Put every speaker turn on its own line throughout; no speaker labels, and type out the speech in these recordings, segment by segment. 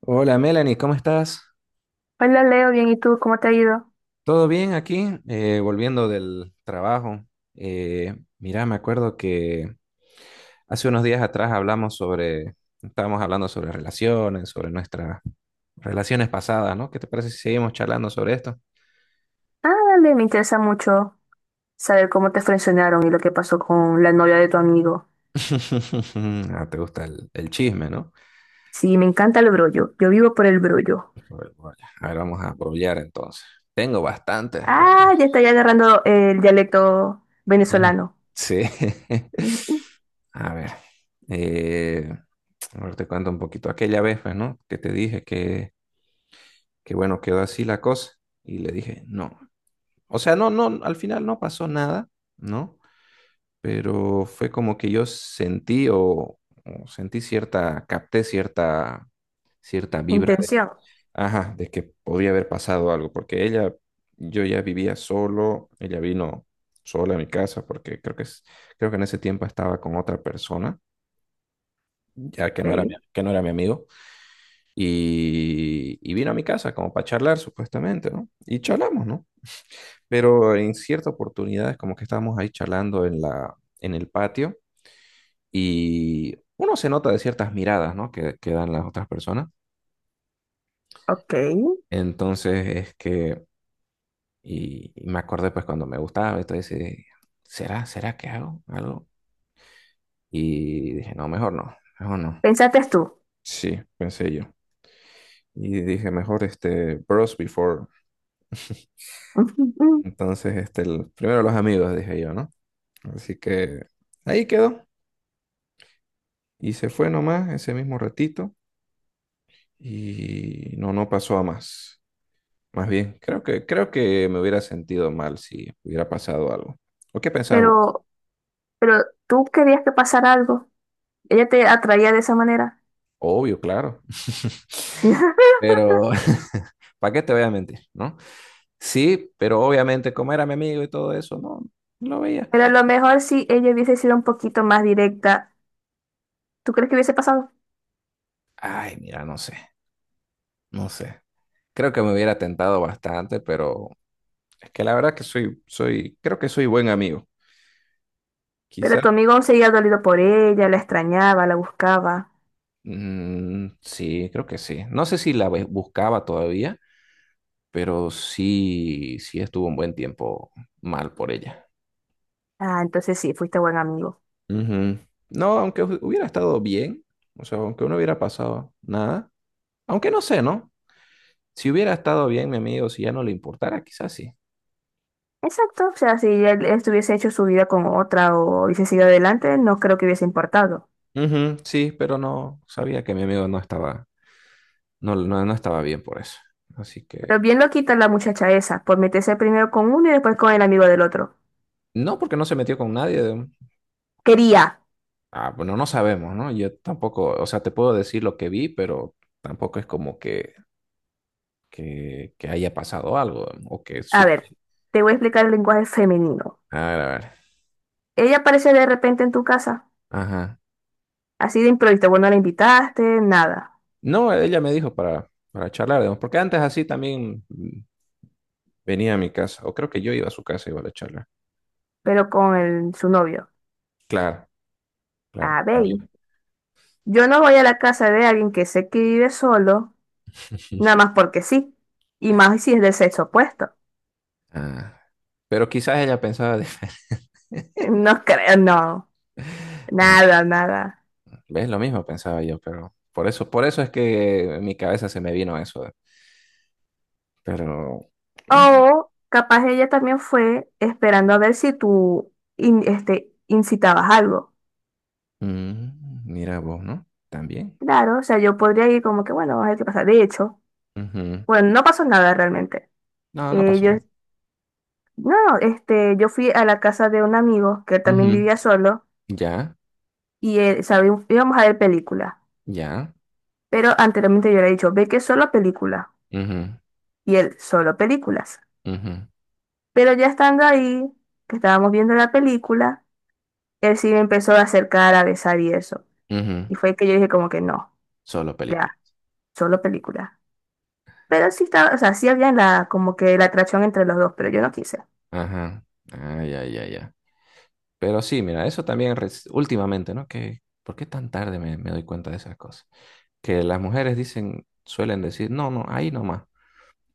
Hola Melanie, ¿cómo estás?
Hola Leo, bien, ¿y tú? ¿Cómo te ha ido?
¿Todo bien aquí? Volviendo del trabajo. Mira, me acuerdo que hace unos días atrás hablamos sobre, estábamos hablando sobre relaciones, sobre nuestras relaciones pasadas, ¿no? ¿Qué te parece si seguimos charlando sobre esto?
Ah, dale, me interesa mucho saber cómo te frencionaron y lo que pasó con la novia de tu amigo.
Ah, te gusta el chisme, ¿no?
Sí, me encanta el brollo, yo vivo por el brollo.
Sobre brollas. A ver, vamos a brollar entonces. Tengo bastantes
Ah, ya está
brollas.
ya agarrando el dialecto
Ujú.
venezolano.
Sí.
Ujú.
A ver. eh, a ver, te cuento un poquito. Aquella vez, pues, ¿no? Que te dije que bueno, quedó así la cosa. Y le dije, no. O sea, no, no, al final no pasó nada, ¿no? Pero fue como que yo sentí o sentí cierta, capté cierta, cierta vibra de,
Intención.
ajá, de que podía haber pasado algo, porque ella, yo ya vivía solo, ella vino sola a mi casa, porque creo que, creo que en ese tiempo estaba con otra persona, ya que
Ok,
no era mi, que no era mi amigo, y vino a mi casa como para charlar supuestamente, ¿no? Y charlamos, ¿no? Pero en ciertas oportunidades como que estábamos ahí charlando en la, en el patio y uno se nota de ciertas miradas, ¿no? Que dan las otras personas.
ok.
Entonces es que, y me acordé pues cuando me gustaba, entonces dije, ¿será que hago algo? Y dije, no, mejor no, mejor no.
Pensaste tú.
Sí, pensé yo. Y dije, mejor este, bros before.
Ujú, ujú.
Entonces, este, primero los amigos, dije yo, ¿no? Así que ahí quedó. Y se fue nomás ese mismo ratito. Y no, no pasó a más. Más bien, creo que me hubiera sentido mal si hubiera pasado algo. ¿O qué pensabas vos?
Pero, pero tú querías que pasara algo. Ella te atraía de esa manera.
Obvio, claro. Pero, ¿para qué te voy a mentir, no? Sí, pero obviamente, como era mi amigo y todo eso, no, no lo veía.
Pero a lo mejor si ella hubiese sido un poquito más directa, ¿tú crees que hubiese pasado?
Ay, mira, no sé, no sé. Creo que me hubiera tentado bastante, pero es que la verdad que soy, soy, creo que soy buen amigo.
Pero tu
Quizá,
amigo seguía dolido por ella, la extrañaba, la buscaba.
sí, creo que sí. No sé si la buscaba todavía, pero sí, sí estuvo un buen tiempo mal por ella.
Ah, entonces sí, fuiste buen amigo.
Ujú. No, aunque hubiera estado bien, o sea, aunque no hubiera pasado nada, aunque no sé, ¿no? Si hubiera estado bien mi amigo, si ya no le importara, quizás sí.
Exacto, o sea, si él estuviese hecho su vida con otra o hubiese seguido adelante, no creo que hubiese importado.
Ujú, sí, pero no sabía que mi amigo no estaba, no, no, no estaba bien por eso. Así que,
Pero bien lo quita la muchacha esa, por meterse primero con uno y después con el amigo del otro.
no, porque no se metió con nadie.
Quería.
Ah, bueno, no sabemos, ¿no? Yo tampoco, o sea, te puedo decir lo que vi, pero tampoco es como que, que haya pasado algo o que
A ver, te voy a explicar el lenguaje femenino.
A ver, a ver.
Ella aparece de repente en tu casa,
Ajá.
así de improviso, vos no la invitaste, nada,
No, ella me dijo para charlar, digamos, porque antes así también venía a mi casa, o creo que yo iba a su casa y iba a la charla.
pero con el- su novio.
Claro, claro.
A ver,
Conmigo.
yo no voy a la casa de alguien que sé que vive solo. Nada más porque sí. Y más si es del sexo opuesto.
Ah, pero quizás ella pensaba,
No creo, no.
ah,
Nada, nada.
ves lo mismo pensaba yo, pero por eso es que en mi cabeza se me vino eso. Pero, bueno,
O capaz ella también fue esperando a ver si tú incitabas algo.
mira vos, ¿no? También.
Claro, o sea, yo podría ir como que, bueno, vamos a ver qué pasa. De hecho,
Ujú.
bueno, no pasó nada realmente.
No, no pasó
Yo,
nada.
no, yo fui a la casa de un amigo que también
Ujú.
vivía solo
Ya,
y él, sabe, íbamos a ver películas.
ya.
Pero anteriormente yo le he dicho, ve que solo películas.
Ujú,
Y él, solo películas.
ujú,
Pero ya estando ahí, que estábamos viendo la película, él sí me empezó a acercar, a besar y eso.
ujú.
Y fue que yo dije como que no,
Solo película.
ya, solo película. Pero sí estaba, o sea, sí había la, como que la atracción entre los dos, pero yo no quise.
Ajá. Ah, ya, ya, ya. Pero sí, mira, eso también últimamente, ¿no? Que, ¿por qué tan tarde me doy cuenta de esas cosas? Que las mujeres dicen, suelen decir, no, no, ahí nomás.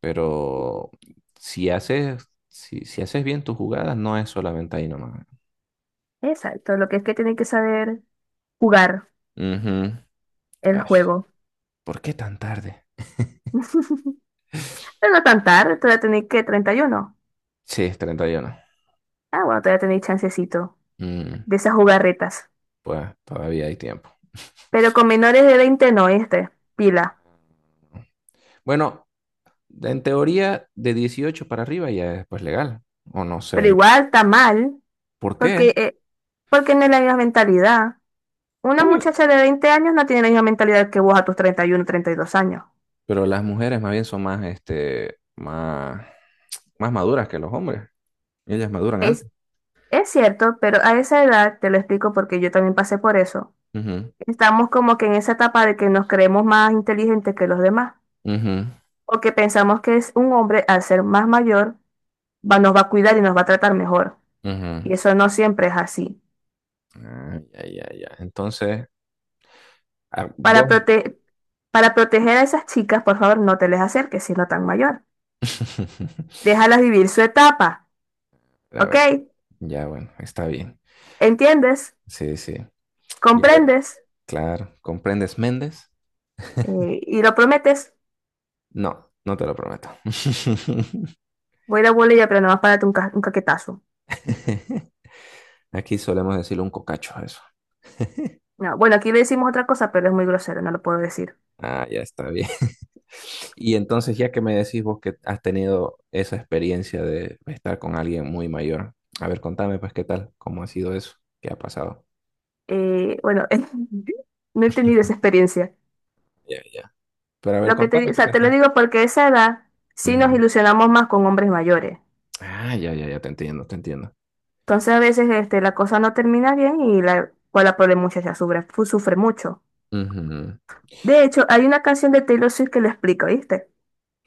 Pero si haces, si haces bien tus jugadas, no es solamente ahí nomás.
Exacto, lo que es que tienen que saber jugar
Ujú.
el
Ay,
juego.
¿por qué tan tarde?
Pero no tan tarde, todavía tenéis que 31.
Sí, es 31.
Ah, bueno, todavía tenéis chancecito
Mm,
de esas jugarretas.
pues todavía hay tiempo.
Pero con menores de 20 no, pila.
Bueno, en teoría, de 18 para arriba ya es pues legal. O no
Pero
sé.
igual está mal,
¿Por
porque,
qué?
porque no es la misma mentalidad. Una
Obvio.
muchacha de 20 años no tiene la misma mentalidad que vos a tus 31, 32 años.
Pero las mujeres más bien son más, este, más, más maduras que los hombres. Ellas maduran
Es,
antes.
es cierto, pero a esa edad, te lo explico porque yo también pasé por eso,
Ujú,
estamos como que en esa etapa de que nos creemos más inteligentes que los demás,
ujú,
o que pensamos que es un hombre al ser más mayor, va, nos va a cuidar y nos va a tratar mejor.
ujú.
Y eso no siempre es así.
Ah, ya, ya, ya. Entonces, a
Para
vos.
prote- para proteger a esas chicas, por favor, no te les acerques siendo tan mayor. Déjalas vivir su etapa,
A
¿ok?
ver, ya, bueno, está bien.
¿Entiendes?
Sí, sí. Ya, a ver,
¿Comprendes?
claro. ¿Comprendes Méndez?
Y lo prometes,
No, no te lo prometo.
voy a ir a Bolivia, pero nomás párate un caquetazo.
Aquí solemos decirle un cocacho a eso.
No, bueno, aquí le decimos otra cosa, pero es muy grosero, no lo puedo decir.
Ah, ya está bien. Y entonces, ya que me decís vos que has tenido esa experiencia de estar con alguien muy mayor, a ver, contame pues qué tal, cómo ha sido eso, qué ha pasado.
Bueno, no he tenido esa experiencia.
Ya, ya. Pero a ver,
Lo que
contame
o
qué
sea, te lo
pensás.
digo porque a esa edad sí nos
Ujú.
ilusionamos más con hombres mayores.
Ah, ya, ya, ya, te entiendo, te entiendo.
Entonces a veces la cosa no termina bien y pues, la pobre muchacha sufre mucho.
Ujú.
De hecho, hay una canción de Taylor Swift que lo explica, ¿viste?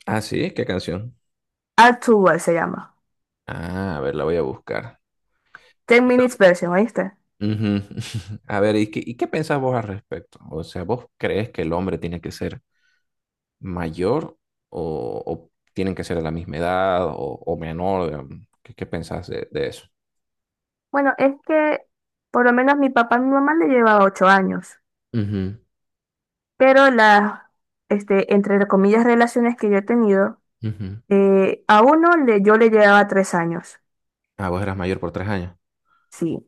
Ah, sí, ¿qué canción?
Add to World se llama.
Ah, a ver, la voy a buscar.
"Ten Minutes Version, ¿oíste?
Ujú. A ver, ¿y qué pensás vos al respecto? O sea, ¿vos crees que el hombre tiene que ser mayor o tienen que ser de la misma edad o menor? Digamos? ¿Qué, qué pensás de eso?
Bueno, es que por lo menos mi papá y mi mamá le llevaba 8 años,
Ujú,
pero las, entre comillas, relaciones que yo he tenido,
ujú.
a uno le, yo le llevaba 3 años,
Ah, vos eras mayor por tres años.
sí,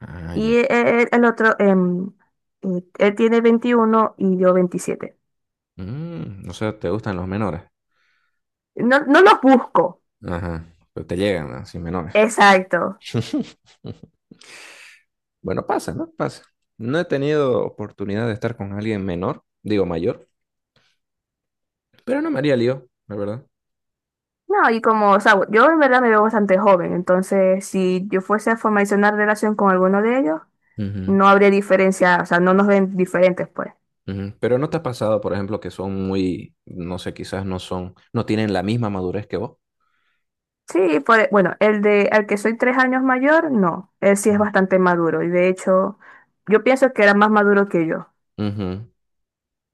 Ah,
y
ya.
el otro, él tiene 21 y yo 27.
Mm, no sé, ¿te gustan los menores?
No, no los busco,
Ajá. Pero te llegan, ¿no? Sin menores.
exacto.
Bueno, pasa, ¿no? Pasa. No he tenido oportunidad de estar con alguien menor, digo mayor, pero no me haría lío, la verdad.
No, y como, o sea, yo en verdad me veo bastante joven, entonces si yo fuese a formalizar una relación con alguno de ellos,
Ujú,
no habría diferencia, o sea, no nos ven diferentes, pues.
ujú. Pero ¿no te ha pasado, por ejemplo, que son muy, no sé, quizás no son, no tienen la misma madurez que vos?
Sí, bueno, el de al que soy 3 años mayor, no, él sí es bastante maduro y de hecho yo pienso que era más maduro que yo.
Ujú.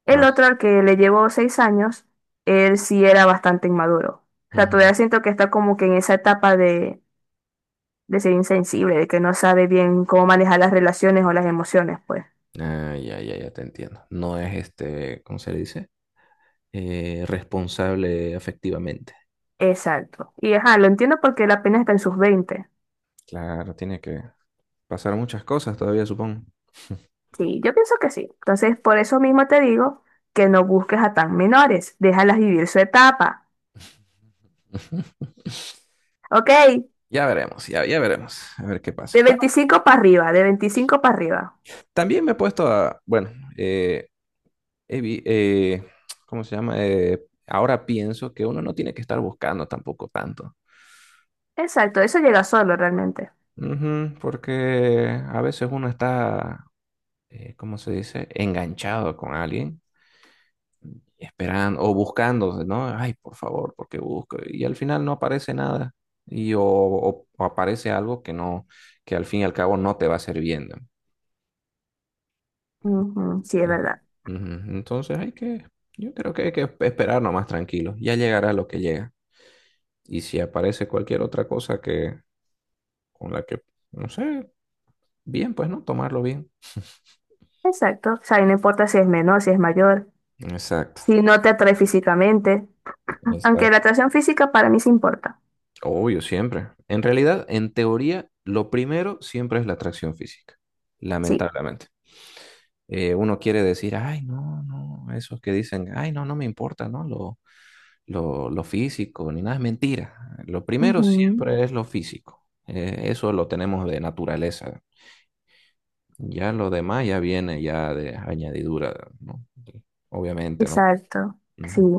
El
Ah,
otro al que le llevo 6 años, él sí era bastante inmaduro. O sea,
ujú.
todavía siento que está como que en esa etapa de ser insensible, de que no sabe bien cómo manejar las relaciones o las emociones, pues.
Ah, ya, ya, ya te entiendo. No es este, ¿cómo se le dice? Responsable afectivamente.
Exacto. Y ajá, lo entiendo porque él apenas está en sus veinte.
Claro, tiene que pasar muchas cosas todavía, supongo.
Sí, yo pienso que sí. Entonces, por eso mismo te digo que no busques a tan menores, déjalas vivir su etapa. Ok,
Ya veremos, ya, ya veremos, a ver qué
de
pasa. Bueno,
25 para arriba, de 25 para arriba.
también me he puesto a, bueno, eh, he vi- eh, ¿cómo se llama? Ahora pienso que uno no tiene que estar buscando tampoco tanto.
Exacto, eso llega solo realmente.
Ujú, porque a veces uno está, ¿cómo se dice? Enganchado con alguien esperando o buscando, ¿no? Ay, por favor, porque busco. Y al final no aparece nada. Y o, o aparece algo que no, que al fin y al cabo no te va sirviendo.
Ujú, sí, es
Eh,
verdad.
Ujú. Entonces hay que, yo creo que hay que esperar nomás tranquilo. Ya llegará lo que llega. Y si aparece cualquier otra cosa que, con la que, no sé, bien, pues no, tomarlo bien.
Exacto. O sea, y no importa si es menor, si es mayor,
Exacto,
si no te atrae físicamente. Aunque la
exacto.
atracción física para mí sí importa.
Obvio, siempre. En realidad, en teoría, lo primero siempre es la atracción física,
Sí.
lamentablemente. Uno quiere decir, ay, no, no, esos que dicen, ay, no, no me importa, ¿no? Lo físico, ni nada, es mentira. Lo primero
Ujú,
siempre es lo físico. Eso lo tenemos de naturaleza. Ya lo demás ya viene ya de añadidura, ¿no? Obviamente, ¿no?
exacto. Sí.
Ujú.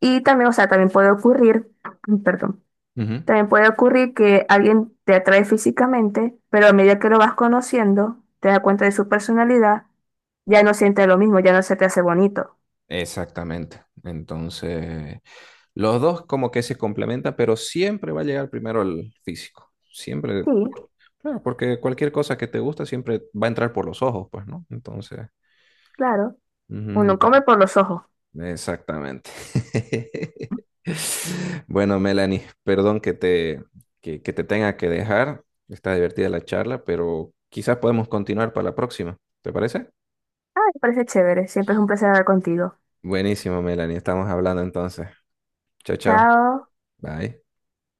Y también, o sea, también puede ocurrir, perdón,
Ujú.
también puede ocurrir que alguien te atrae físicamente, pero a medida que lo vas conociendo, te das cuenta de su personalidad, ya no sientes lo mismo, ya no se te hace bonito.
Exactamente. Entonces, los dos como que se complementan, pero siempre va a llegar primero el físico. Siempre,
Sí,
claro, porque cualquier cosa que te gusta siempre va a entrar por los ojos, pues, ¿no? Entonces,
claro.
ujú,
Uno come
ya,
por los ojos.
exactamente. Bueno, Melanie, perdón que te, que te tenga que dejar. Está divertida la charla, pero quizás podemos continuar para la próxima. ¿Te parece?
Ah, me parece chévere. Siempre es un placer hablar contigo.
Buenísimo, Melanie. Estamos hablando entonces. Chao, chao.
Chao.
Bye.